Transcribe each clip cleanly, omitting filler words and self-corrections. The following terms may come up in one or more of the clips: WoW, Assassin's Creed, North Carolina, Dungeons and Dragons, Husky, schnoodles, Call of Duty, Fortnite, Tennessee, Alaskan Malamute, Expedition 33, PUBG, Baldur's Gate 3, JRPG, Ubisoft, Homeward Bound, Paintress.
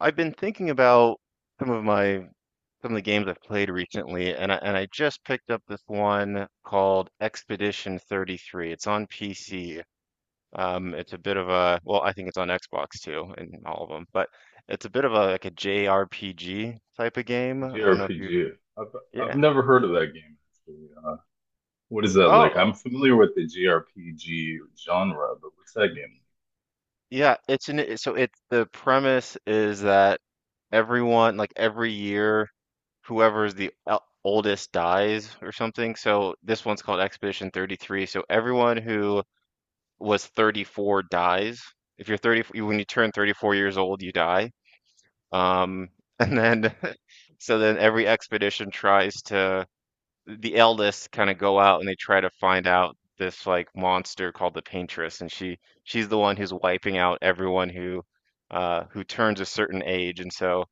I've been thinking about some of my some of the games I've played recently, and I just picked up this one called Expedition 33. It's on PC. It's a bit of a well, I think it's on Xbox too, and all of them, but it's a bit of a JRPG type of game. G I don't have know if you, I've I've yeah. never heard of that game actually. What is that like? I'm Oh, familiar with the G R P G genre, but what's that game? yeah. It's an so it's the premise is that everyone like every year whoever is the oldest dies or something. So this one's called Expedition 33. So everyone who was 34 dies. If you're 30, when you turn 34 years old, you die. Um, and then, so then every expedition tries to the eldest kind of go out and they try to find out this like monster called the Paintress, and she's the one who's wiping out everyone who turns a certain age, and so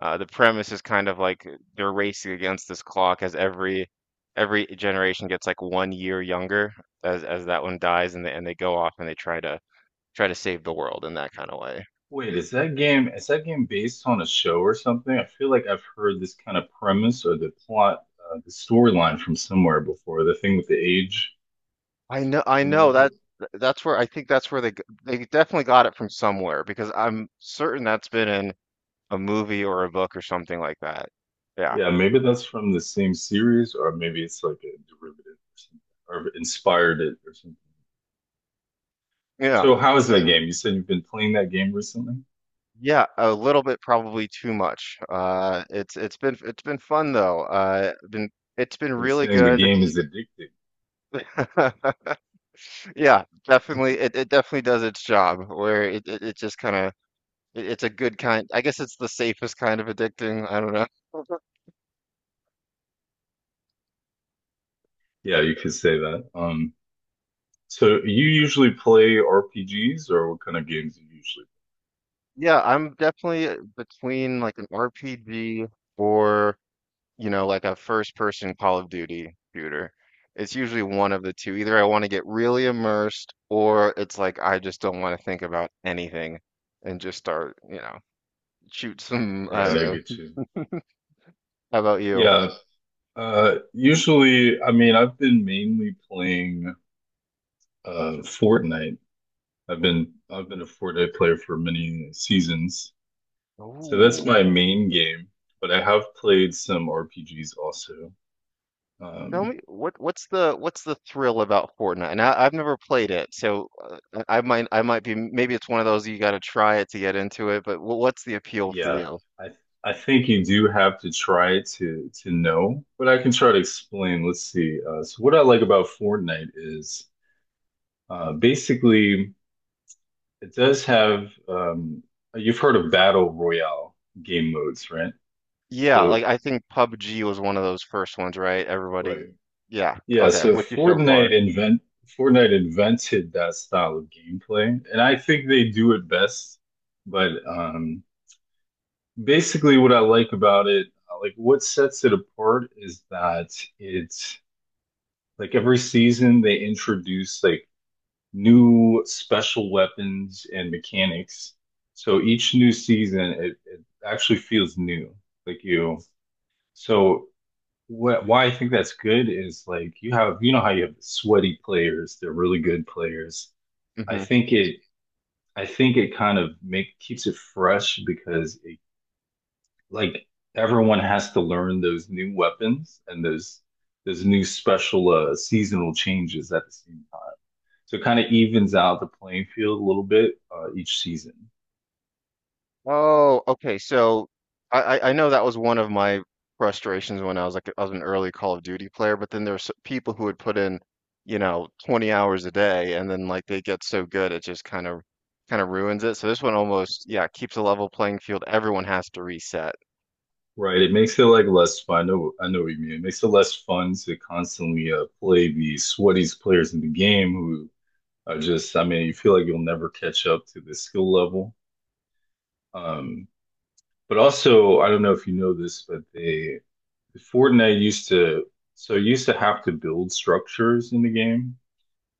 the premise is kind of like they're racing against this clock as every generation gets like 1 year younger as that one dies, and they go off and they try to save the world in that kind of way. Wait, is that game based on a show or something? I feel like I've heard this kind of premise or the plot, the storyline from somewhere before. The thing with the age, I you know know? If that it- that's where they they definitely got it from somewhere because I'm certain that's been in a movie or a book or something like that. Yeah. Yeah, maybe that's from the same series, or maybe it's like a derivative or something, or inspired it or something. Yeah. So, how is that game? You said you've been playing that game recently? Yeah, a little bit probably too much. It's been fun though. Been it's been You're really saying the good. game is addictive. Yeah, definitely it definitely does its job where it just kind of it's a good kind I guess it's the safest kind of addicting. I don't know. Yeah, you could say that. So you usually play RPGs or what kind of games do you usually Yeah, I'm definitely between like an RPG or you know, like a first person Call of Duty shooter. It's usually one of the two. Either I want to get really immersed or it's like I just don't want to think about anything and just start, you know, shoot some, play? I Right, don't I know. get you. How about you? Yeah. Usually, I mean, I've been mainly playing Fortnite. I've been a Fortnite player for many seasons. So that's my Ooh. main game, but I have played some RPGs also. Tell Um, me what's the thrill about Fortnite? And I've never played it, so I might be maybe it's one of those you got to try it to get into it. But what's the appeal for Yeah, you? I I think you do have to try to know, but I can try to explain. Let's see. So what I like about Fortnite is basically it does have you've heard of battle royale game modes, right? Yeah, So like I think PUBG was one of those first ones, right? right, Everybody, yeah, yeah. okay, So with you so Fortnite far. invent Fortnite invented that style of gameplay, and I think they do it best. But basically what I like about it, like what sets it apart is that it's like every season they introduce like new special weapons and mechanics. So each new season it actually feels new. Like you so what why I think that's good is like you have, you know how you have sweaty players, they're really good players. I Hmm. think it I think it kind of make keeps it fresh because it like everyone has to learn those new weapons and those new special seasonal changes at the same time. So it kind of evens out the playing field a little bit each season, Oh, okay. So I know that was one of my frustrations when I was like I was an early Call of Duty player, but then there's people who would put in, you know, 20 hours a day, and then like they get so good it just kind of ruins it. So this one almost, yeah, keeps a level playing field. Everyone has to reset. right? It makes it like less fun. I know what you mean. It makes it less fun to constantly play the sweatiest players in the game who are just, I mean, you feel like you'll never catch up to the skill level. Um, but also, I don't know if you know this, but they Fortnite used to so used to have to build structures in the game,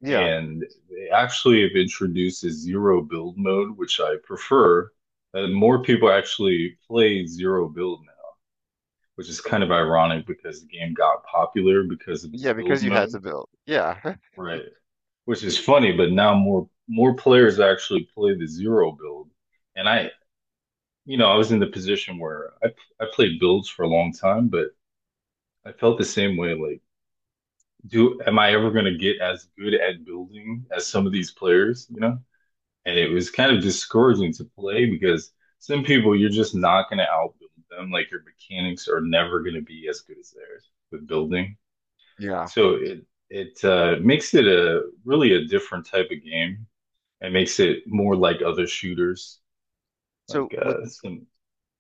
Yeah, and they actually have introduced a zero build mode, which I prefer. More people actually play zero build now, which is kind of ironic because the game got popular because of the yeah, build because you mode, had to build. Yeah, right? Which is funny, but now more players actually play the zero build, and you know, I was in the position where I played builds for a long time, but I felt the same way like do am I ever going to get as good at building as some of these players, you know? And it was kind of discouraging to play because some people you're just not going to outbuild them. Like your mechanics are never going to be as good as theirs with building. yeah. So it makes it a different type of game. It makes it more like other shooters, So like with some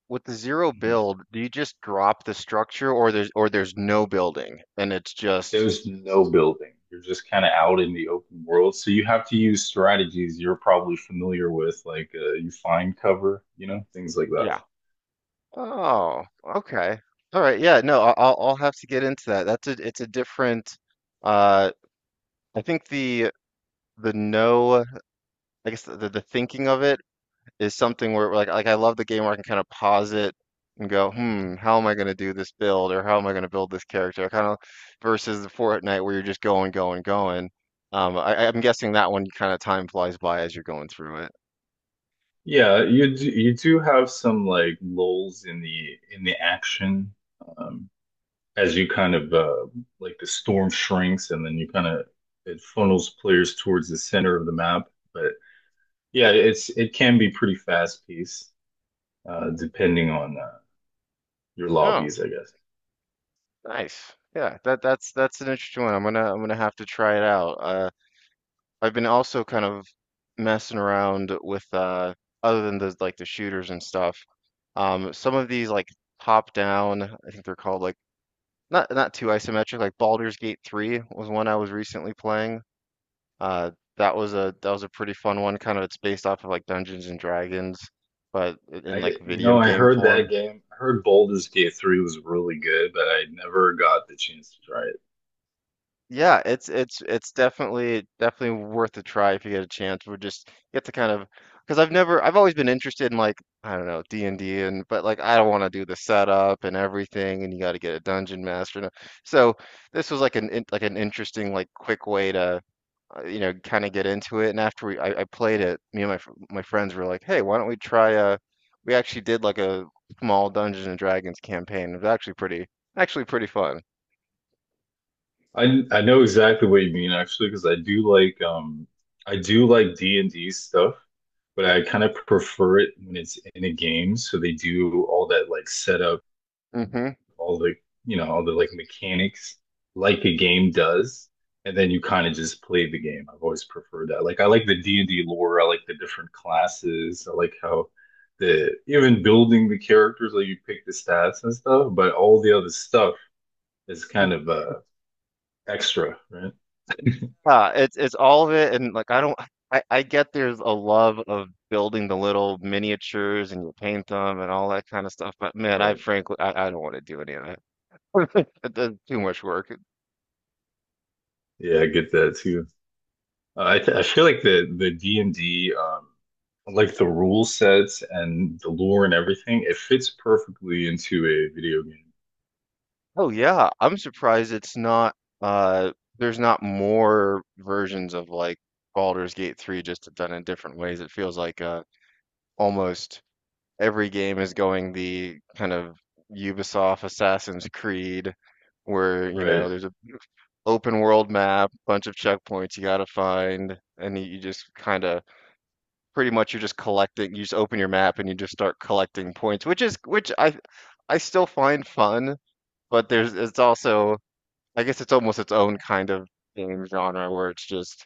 With the zero mm-hmm. build, do you just drop the structure or there's no building and it's just There's no building. You're just kind of out in the open world. So you have to use strategies you're probably familiar with, like you find cover, you know, things like that. yeah. Oh, okay. All right. Yeah, no, I'll have to get into that. That's a it's a different uh I think the no I guess the thinking of it is something where like I love the game where I can kind of pause it and go, hmm, how am I going to do this build or how am I going to build this character? Kind of versus the Fortnite where you're just going, going, going. I'm guessing that one kind of time flies by as you're going through it. Yeah, you do have some like lulls in the action um, as you kind of like the storm shrinks and then you kind of it funnels players towards the center of the map. But yeah, it can be pretty fast paced depending on your Oh, lobbies, I guess. nice. Yeah, that's an interesting one. I'm gonna have to try it out. I've been also kind of messing around with other than the like the shooters and stuff. Some of these like top down, I think they're called like not too isometric, like Baldur's Gate 3 was one I was recently playing. Uh, that was a pretty fun one. Kind of it's based off of like Dungeons and Dragons, but in like You know, video I game heard that form. game. I heard Baldur's Gate 3 was really good, but I never got the chance to try it. Yeah, it's definitely worth a try if you get a chance. We're just you have to kind of because I've never I've always been interested in like I don't know D&D and D and but like I don't want to do the setup and everything and you got to get a dungeon master. And so this was like like an interesting like quick way to you know, kind of get into it. And after I played it, me and my friends were like, "Hey, why don't we try a?" We actually did like a small Dungeons and Dragons campaign. It was actually pretty fun. I know exactly what you mean actually, because I do like D&D stuff, but I kind of prefer it when it's in a game. So they do all that like setup, Hmm. all the, you know, all the like mechanics like a game does, and then you kind of just play the game. I've always preferred that. Like I like the D&D lore. I like the different classes. I like how the even building the characters, like you pick the stats and stuff, but all the other stuff is kind of extra, right? Yeah, it's all of it, and like I don't, I get there's a love of building the little miniatures and you paint them and all that kind of stuff, but man, I Right. frankly, I don't want to do any of that. That's too much work. Yeah, I get that too. I feel like the D&D like the rule sets and the lore and everything, it fits perfectly into a video game. Oh yeah, I'm surprised it's not uh there's not more versions of like Baldur's Gate 3 just done in different ways. It feels like almost every game is going the kind of Ubisoft Assassin's Creed where, you Right. know, there's a open world map, bunch of checkpoints you gotta find, and you just kind of pretty much you're just collecting, you just open your map and you just start collecting points, which is which I still find fun, but there's it's also I guess it's almost its own kind of game genre where it's just,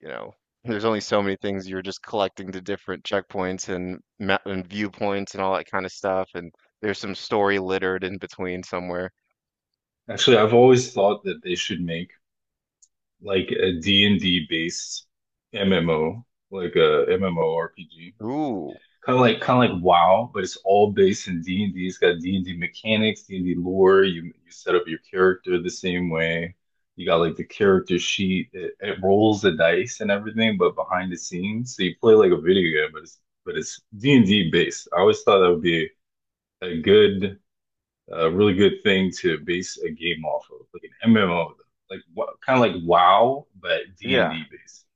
you know, there's only so many things you're just collecting the different checkpoints and map and viewpoints and all that kind of stuff, and there's some story littered in between somewhere. Actually, I've always thought that they should make like a D and d based MMO, like a MMORPG. Ooh, Kind of like WoW, but it's all based in D&D. It's got D&D mechanics, D&D lore. You set up your character the same way. You got like the character sheet. It rolls the dice and everything, but behind the scenes. So you play like a video game, but it's D&D based. I always thought that would be a good a really good thing to base a game off of, like an MMO, like kind of like WoW, but D and yeah. D based.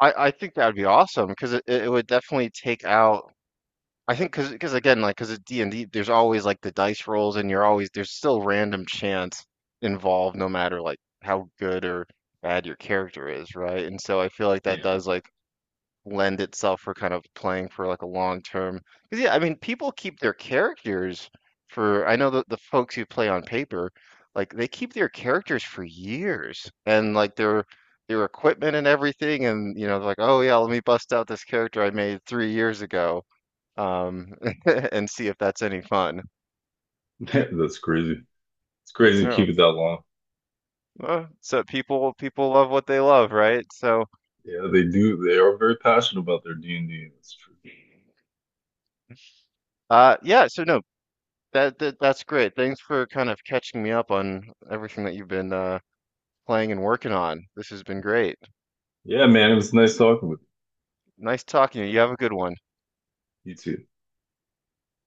I think that would be awesome because it would definitely take out. I think because again like because at D and D there's always like the dice rolls and you're always there's still random chance involved no matter like how good or bad your character is, right? And so I feel like that Yeah, does like lend itself for kind of playing for like a long term. Because yeah, I mean, people keep their characters for. I know that the folks who play on paper, like they keep their characters for years, and like their equipment and everything, and you know, they're like, oh yeah, let me bust out this character I made 3 years ago, um, and see if that's any fun. that's crazy. It's crazy to Yeah. keep it that long. So people love what they love, right? So Yeah, they do. They are very passionate about their D and D. That's true. Yeah. So no. That's great. Thanks for kind of catching me up on everything that you've been playing and working on. This has been great. Yeah, man, it was nice talking with Nice talking to you. You have a good one. you. You too.